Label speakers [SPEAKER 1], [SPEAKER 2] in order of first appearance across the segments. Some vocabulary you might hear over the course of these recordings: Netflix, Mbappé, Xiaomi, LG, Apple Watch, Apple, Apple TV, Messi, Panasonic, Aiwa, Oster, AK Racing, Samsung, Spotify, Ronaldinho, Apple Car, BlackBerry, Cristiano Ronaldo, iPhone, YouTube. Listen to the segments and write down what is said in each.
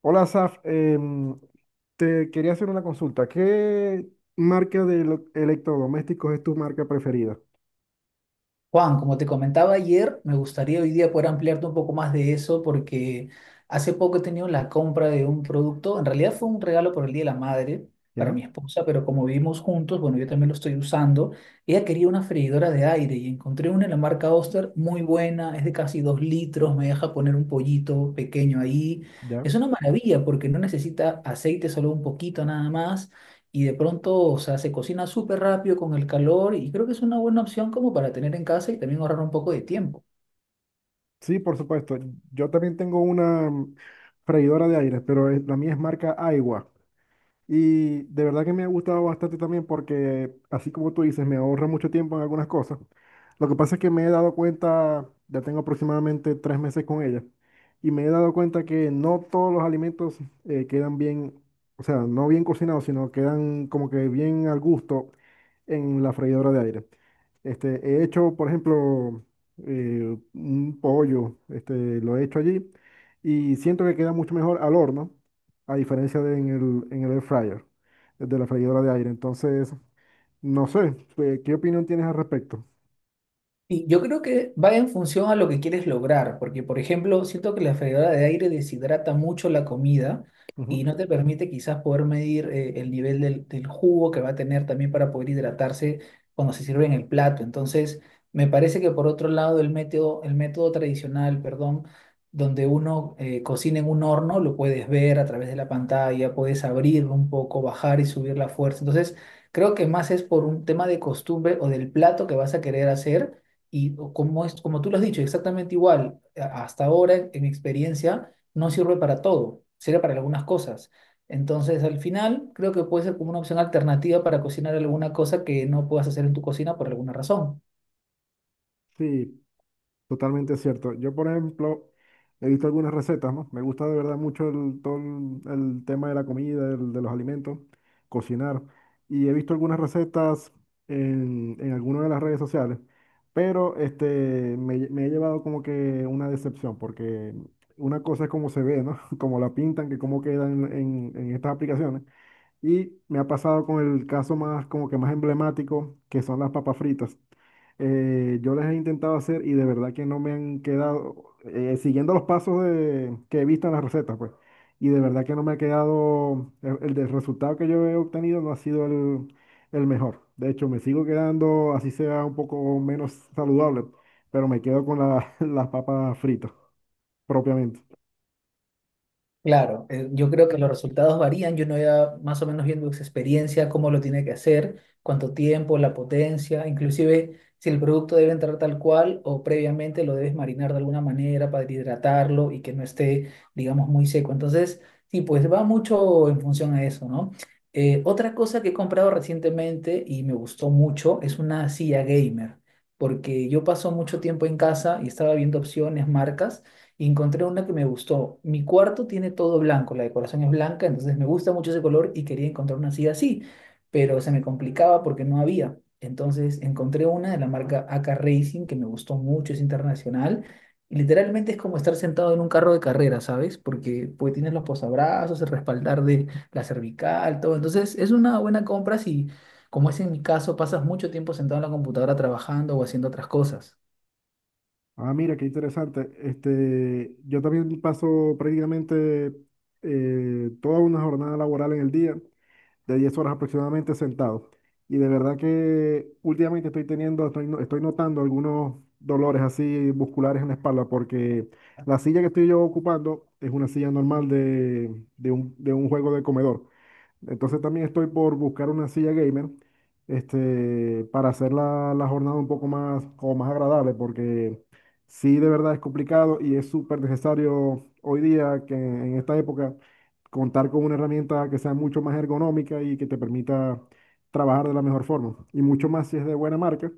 [SPEAKER 1] Hola, Saf. Te quería hacer una consulta. ¿Qué marca de electrodomésticos es tu marca preferida?
[SPEAKER 2] Juan, como te comentaba ayer, me gustaría hoy día poder ampliarte un poco más de eso porque hace poco he tenido la compra de un producto, en realidad fue un regalo por el Día de la Madre para
[SPEAKER 1] ¿Ya?
[SPEAKER 2] mi esposa, pero como vivimos juntos, bueno, yo también lo estoy usando, ella quería una freidora de aire y encontré una en la marca Oster muy buena, es de casi 2 litros, me deja poner un pollito pequeño ahí,
[SPEAKER 1] ¿Ya?
[SPEAKER 2] es una maravilla porque no necesita aceite, solo un poquito nada más y de pronto, o sea, se cocina súper rápido con el calor y creo que es una buena opción como para tener en casa y también ahorrar un poco de tiempo.
[SPEAKER 1] Sí, por supuesto. Yo también tengo una freidora de aire, pero la mía es marca Aiwa. Y de verdad que me ha gustado bastante también porque, así como tú dices, me ahorra mucho tiempo en algunas cosas. Lo que pasa es que me he dado cuenta, ya tengo aproximadamente tres meses con ella, y me he dado cuenta que no todos los alimentos quedan bien, o sea, no bien cocinados, sino quedan como que bien al gusto en la freidora de aire. Este, he hecho, por ejemplo, un pollo, este, lo he hecho allí y siento que queda mucho mejor al horno a diferencia de en el air fryer, de la freidora de aire. Entonces, no sé, ¿qué opinión tienes al respecto?
[SPEAKER 2] Y yo creo que va en función a lo que quieres lograr, porque por ejemplo, siento que la freidora de aire deshidrata mucho la comida
[SPEAKER 1] Ujú.
[SPEAKER 2] y no te permite quizás poder medir el nivel del jugo que va a tener también para poder hidratarse cuando se sirve en el plato. Entonces, me parece que por otro lado, el método tradicional, perdón, donde uno cocina en un horno, lo puedes ver a través de la pantalla, puedes abrirlo un poco, bajar y subir la fuerza. Entonces, creo que más es por un tema de costumbre o del plato que vas a querer hacer y como tú lo has dicho, exactamente igual, hasta ahora en mi experiencia no sirve para todo, sirve para algunas cosas. Entonces, al final, creo que puede ser como una opción alternativa para cocinar alguna cosa que no puedas hacer en tu cocina por alguna razón.
[SPEAKER 1] Sí, totalmente cierto. Yo, por ejemplo, he visto algunas recetas, ¿no? Me gusta de verdad mucho todo el tema de la comida, de los alimentos, cocinar. Y he visto algunas recetas en algunas de las redes sociales, pero este, me he llevado como que una decepción, porque una cosa es como se ve, ¿no? Como la pintan, que cómo quedan en estas aplicaciones. Y me ha pasado con el caso más, como que más emblemático, que son las papas fritas. Yo las he intentado hacer y de verdad que no me han quedado, siguiendo los pasos que he visto en las recetas, pues. Y de verdad que no me ha quedado, el del resultado que yo he obtenido no ha sido el mejor. De hecho, me sigo quedando, así sea un poco menos saludable, pero me quedo con las papas fritas, propiamente.
[SPEAKER 2] Claro, yo creo que los resultados varían, yo no ya más o menos viendo su experiencia, cómo lo tiene que hacer, cuánto tiempo, la potencia, inclusive si el producto debe entrar tal cual o previamente lo debes marinar de alguna manera para hidratarlo y que no esté, digamos, muy seco. Entonces, sí, pues va mucho en función a eso, ¿no? Otra cosa que he comprado recientemente y me gustó mucho es una silla gamer, porque yo paso mucho tiempo en casa y estaba viendo opciones, marcas y encontré una que me gustó. Mi cuarto tiene todo blanco, la decoración es blanca, entonces me gusta mucho ese color y quería encontrar una así así, pero se me complicaba porque no había. Entonces encontré una de la marca AK Racing que me gustó mucho, es internacional. Y literalmente es como estar sentado en un carro de carrera, ¿sabes? Porque pues tienes los posabrazos, el respaldar de la cervical, todo. Entonces es una buena compra si, como es en mi caso, pasas mucho tiempo sentado en la computadora trabajando o haciendo otras cosas.
[SPEAKER 1] Ah, mira, qué interesante. Este, yo también paso prácticamente toda una jornada laboral en el día, de 10 horas aproximadamente sentado. Y de verdad que últimamente estoy teniendo, estoy, no- estoy notando algunos dolores así musculares en la espalda, porque la silla que estoy yo ocupando es una silla normal de un juego de comedor. Entonces también estoy por buscar una silla gamer, este, para hacer la jornada un poco más, como más agradable, porque sí de verdad es complicado y es súper necesario hoy día que en esta época contar con una herramienta que sea mucho más ergonómica y que te permita trabajar de la mejor forma, y mucho más si es de buena marca.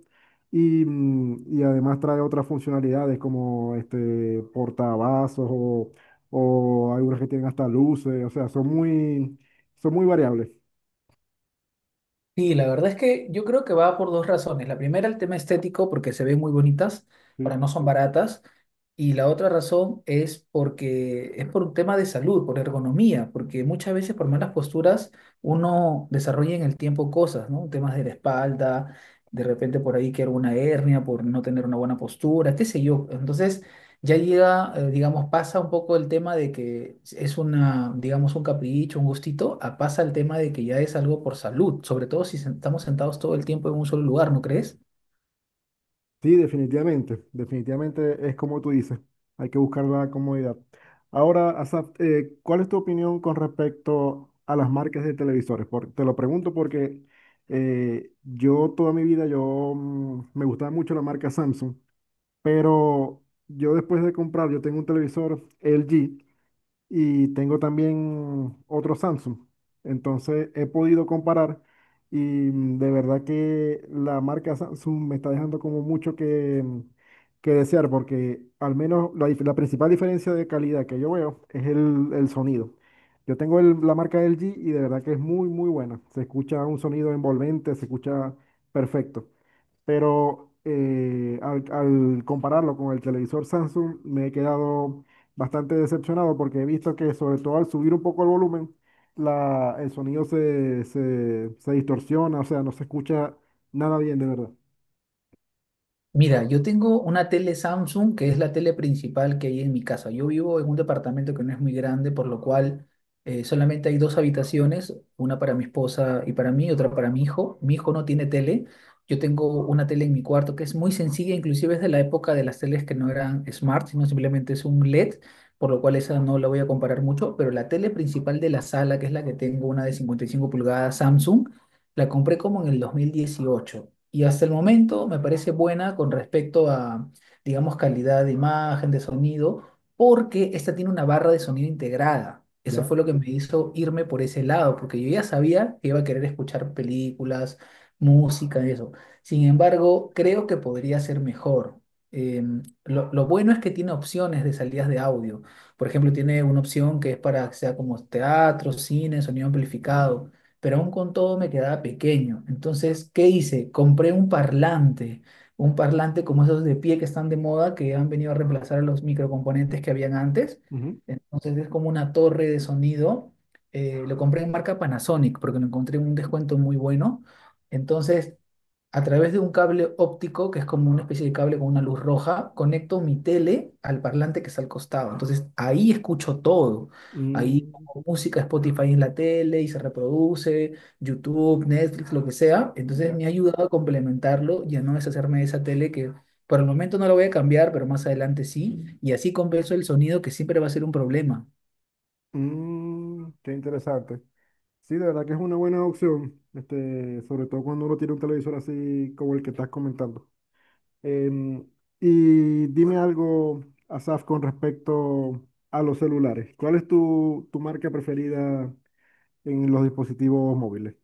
[SPEAKER 1] Y, y además trae otras funcionalidades como este portavasos o algunas que tienen hasta luces, o sea, son muy variables.
[SPEAKER 2] Sí, la verdad es que yo creo que va por dos razones. La primera, el tema estético, porque se ven muy bonitas, para
[SPEAKER 1] Sí.
[SPEAKER 2] no son baratas. Y la otra razón es porque es por un tema de salud, por ergonomía, porque muchas veces por malas posturas uno desarrolla en el tiempo cosas, ¿no? Temas de la espalda, de repente por ahí que alguna hernia por no tener una buena postura, qué sé yo. Entonces, ya llega, digamos, pasa un poco el tema de que es una, digamos, un capricho, un gustito, a pasa el tema de que ya es algo por salud, sobre todo si estamos sentados todo el tiempo en un solo lugar, ¿no crees?
[SPEAKER 1] Sí, definitivamente, definitivamente es como tú dices, hay que buscar la comodidad. Ahora, Asaf, ¿cuál es tu opinión con respecto a las marcas de televisores? Te lo pregunto porque yo toda mi vida me gustaba mucho la marca Samsung, pero yo después de comprar, yo tengo un televisor LG y tengo también otro Samsung. Entonces he podido comparar y de verdad que la marca Samsung me está dejando como mucho que, que desear porque al menos la principal diferencia de calidad que yo veo es el sonido. Yo tengo la marca L G y de verdad que es muy, muy buena. Se escucha un sonido envolvente, se escucha perfecto, pero al compararlo con el televisor Samsung me he quedado bastante decepcionado porque he visto que sobre todo al subir un poco el volumen, el sonido se distorsiona, o sea, no se escucha nada bien de verdad.
[SPEAKER 2] Mira, yo tengo una tele Samsung, que es la tele principal que hay en mi casa. Yo vivo en un departamento que no es muy grande, por lo cual solamente hay dos habitaciones, una para mi esposa y para mí, otra para mi hijo. Mi hijo no tiene tele. Yo tengo una tele en mi cuarto que es muy sencilla, inclusive es de la época de las teles que no eran smart, sino simplemente es un LED, por lo cual esa no la voy a comparar mucho, pero la tele principal de la sala, que es la que tengo, una de 55 pulgadas Samsung, la compré como en el 2018 y hasta el momento me parece buena con respecto a, digamos, calidad de imagen, de sonido, porque esta tiene una barra de sonido integrada. Eso
[SPEAKER 1] Ya.
[SPEAKER 2] fue lo que me hizo irme por ese lado, porque yo ya sabía que iba a querer escuchar películas, música y eso. Sin embargo, creo que podría ser mejor. Lo bueno es que tiene opciones de salidas de audio. Por ejemplo, tiene una opción que es para que sea como teatro, cine, sonido amplificado pero aún con todo me quedaba pequeño. Entonces, ¿qué hice? Compré un parlante como esos de pie que están de moda, que han venido a reemplazar a los microcomponentes que habían antes.
[SPEAKER 1] Ujú.
[SPEAKER 2] Entonces, es como una torre de sonido. Lo compré en marca Panasonic porque lo encontré en un descuento muy bueno. Entonces, a través de un cable óptico, que es como una especie de cable con una luz roja, conecto mi tele al parlante que está al costado. Entonces ahí escucho todo. Ahí
[SPEAKER 1] Mm,
[SPEAKER 2] pongo música, Spotify en la tele y se reproduce, YouTube, Netflix, lo que sea. Entonces
[SPEAKER 1] ya.
[SPEAKER 2] me ha ayudado a complementarlo y a no deshacerme de esa tele que por el momento no la voy a cambiar, pero más adelante sí. Y así compenso el sonido que siempre va a ser un problema.
[SPEAKER 1] Mm, qué interesante. Sí, de verdad que es una buena opción, este, sobre todo cuando uno tiene un televisor así como el que estás comentando. Em, y dime algo, Asaf, con respecto a los celulares. ¿Cuál es tu marca preferida en los dispositivos móviles?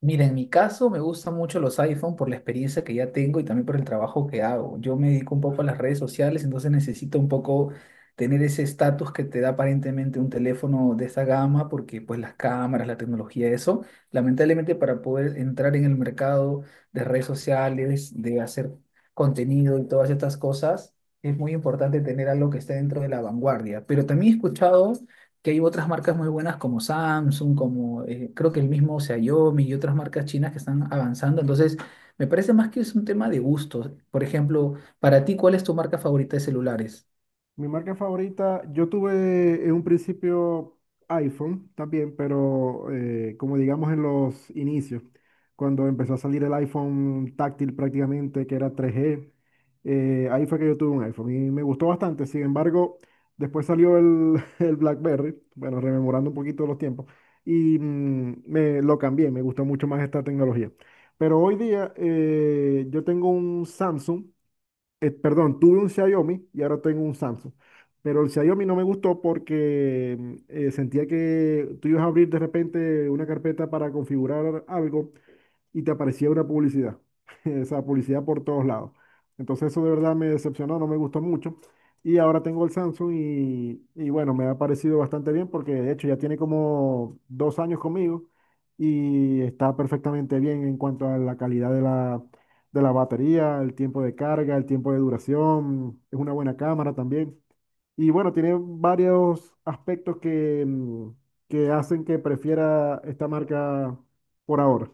[SPEAKER 2] Mira, en mi caso me gustan mucho los iPhone por la experiencia que ya tengo y también por el trabajo que hago. Yo me dedico un poco a las redes sociales, entonces necesito un poco tener ese estatus que te da aparentemente un teléfono de esta gama, porque pues las cámaras, la tecnología, eso, lamentablemente para poder entrar en el mercado de redes sociales, de hacer contenido y todas estas cosas, es muy importante tener algo que esté dentro de la vanguardia. Pero también he escuchado que hay otras marcas muy buenas como Samsung, como creo que el mismo Xiaomi y otras marcas chinas que están avanzando. Entonces, me parece más que es un tema de gustos. Por ejemplo, para ti, ¿cuál es tu marca favorita de celulares?
[SPEAKER 1] Mi marca favorita, yo tuve en un principio iPhone también, pero como digamos en los inicios, cuando empezó a salir el iPhone táctil prácticamente, que era 3G, ahí fue que yo tuve un iPhone y me gustó bastante. Sin embargo, después salió el BlackBerry, bueno, rememorando un poquito los tiempos, y me lo cambié, me gustó mucho más esta tecnología. Pero hoy día yo tengo un Samsung, perdón, tuve un Xiaomi y ahora tengo un Samsung. Pero el Xiaomi no me gustó porque sentía que tú ibas a abrir de repente una carpeta para configurar algo y te aparecía una publicidad, esa publicidad por todos lados. Entonces eso de verdad me decepcionó, no me gustó mucho. Y ahora tengo el Samsung y bueno, me ha parecido bastante bien porque de hecho ya tiene como dos años conmigo y está perfectamente bien en cuanto a la calidad de de la batería, el tiempo de carga, el tiempo de duración, es una buena cámara también. Y bueno, tiene varios aspectos que, que hacen que prefiera esta marca por ahora.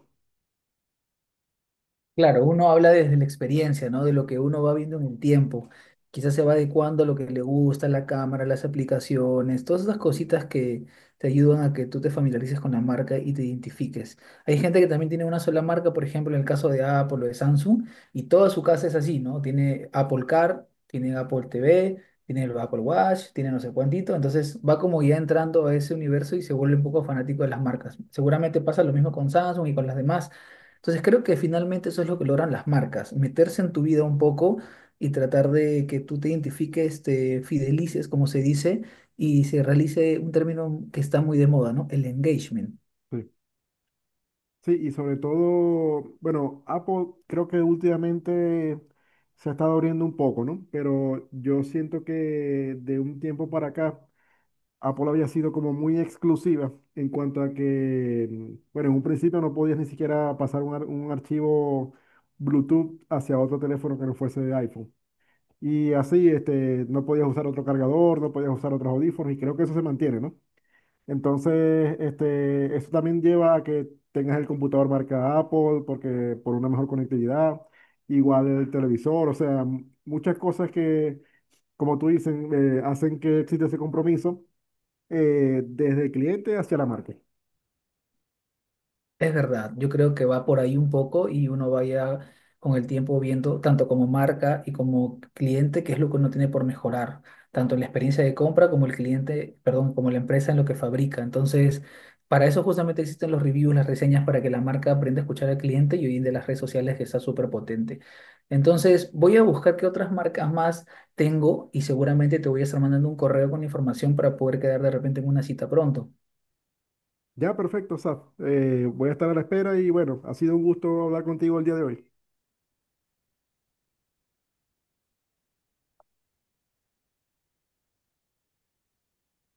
[SPEAKER 2] Claro, uno habla desde la experiencia, ¿no? De lo que uno va viendo en el tiempo. Quizás se va adecuando a lo que le gusta, la cámara, las aplicaciones, todas esas cositas que te ayudan a que tú te familiarices con la marca y te identifiques. Hay gente que también tiene una sola marca, por ejemplo, en el caso de Apple o de Samsung, y toda su casa es así, ¿no? Tiene Apple Car, tiene Apple TV, tiene el Apple Watch, tiene no sé cuántito. Entonces va como ya entrando a ese universo y se vuelve un poco fanático de las marcas. Seguramente pasa lo mismo con Samsung y con las demás entonces creo que finalmente eso es lo que logran las marcas, meterse en tu vida un poco y tratar de que tú te identifiques, te fidelices, como se dice, y se realice un término que está muy de moda, ¿no? El engagement.
[SPEAKER 1] Sí. Sí, y sobre todo, bueno, Apple creo que últimamente se ha estado abriendo un poco, ¿no? Pero yo siento que de un tiempo para acá, Apple había sido como muy exclusiva en cuanto a que, bueno, en un principio no podías ni siquiera pasar un archivo Bluetooth hacia otro teléfono que no fuese de iPhone. Y así, este, no podías usar otro cargador, no podías usar otros audífonos, y creo que eso se mantiene, ¿no? Entonces, este, eso también lleva a que tengas el computador marca Apple porque por una mejor conectividad, igual el televisor, o sea, muchas cosas que, como tú dices, hacen que exista ese compromiso desde el cliente hacia la marca.
[SPEAKER 2] Es verdad, yo creo que va por ahí un poco y uno vaya con el tiempo viendo tanto como marca y como cliente qué es lo que uno tiene por mejorar, tanto en la experiencia de compra como el cliente, perdón, como la empresa en lo que fabrica. Entonces, para eso justamente existen los reviews, las reseñas, para que la marca aprenda a escuchar al cliente y hoy en día las redes sociales que está súper potente. Entonces, voy a buscar qué otras marcas más tengo y seguramente te voy a estar mandando un correo con información para poder quedar de repente en una cita pronto.
[SPEAKER 1] Ya, perfecto, Saf. Voy a estar a la espera y bueno, ha sido un gusto hablar contigo el día de hoy.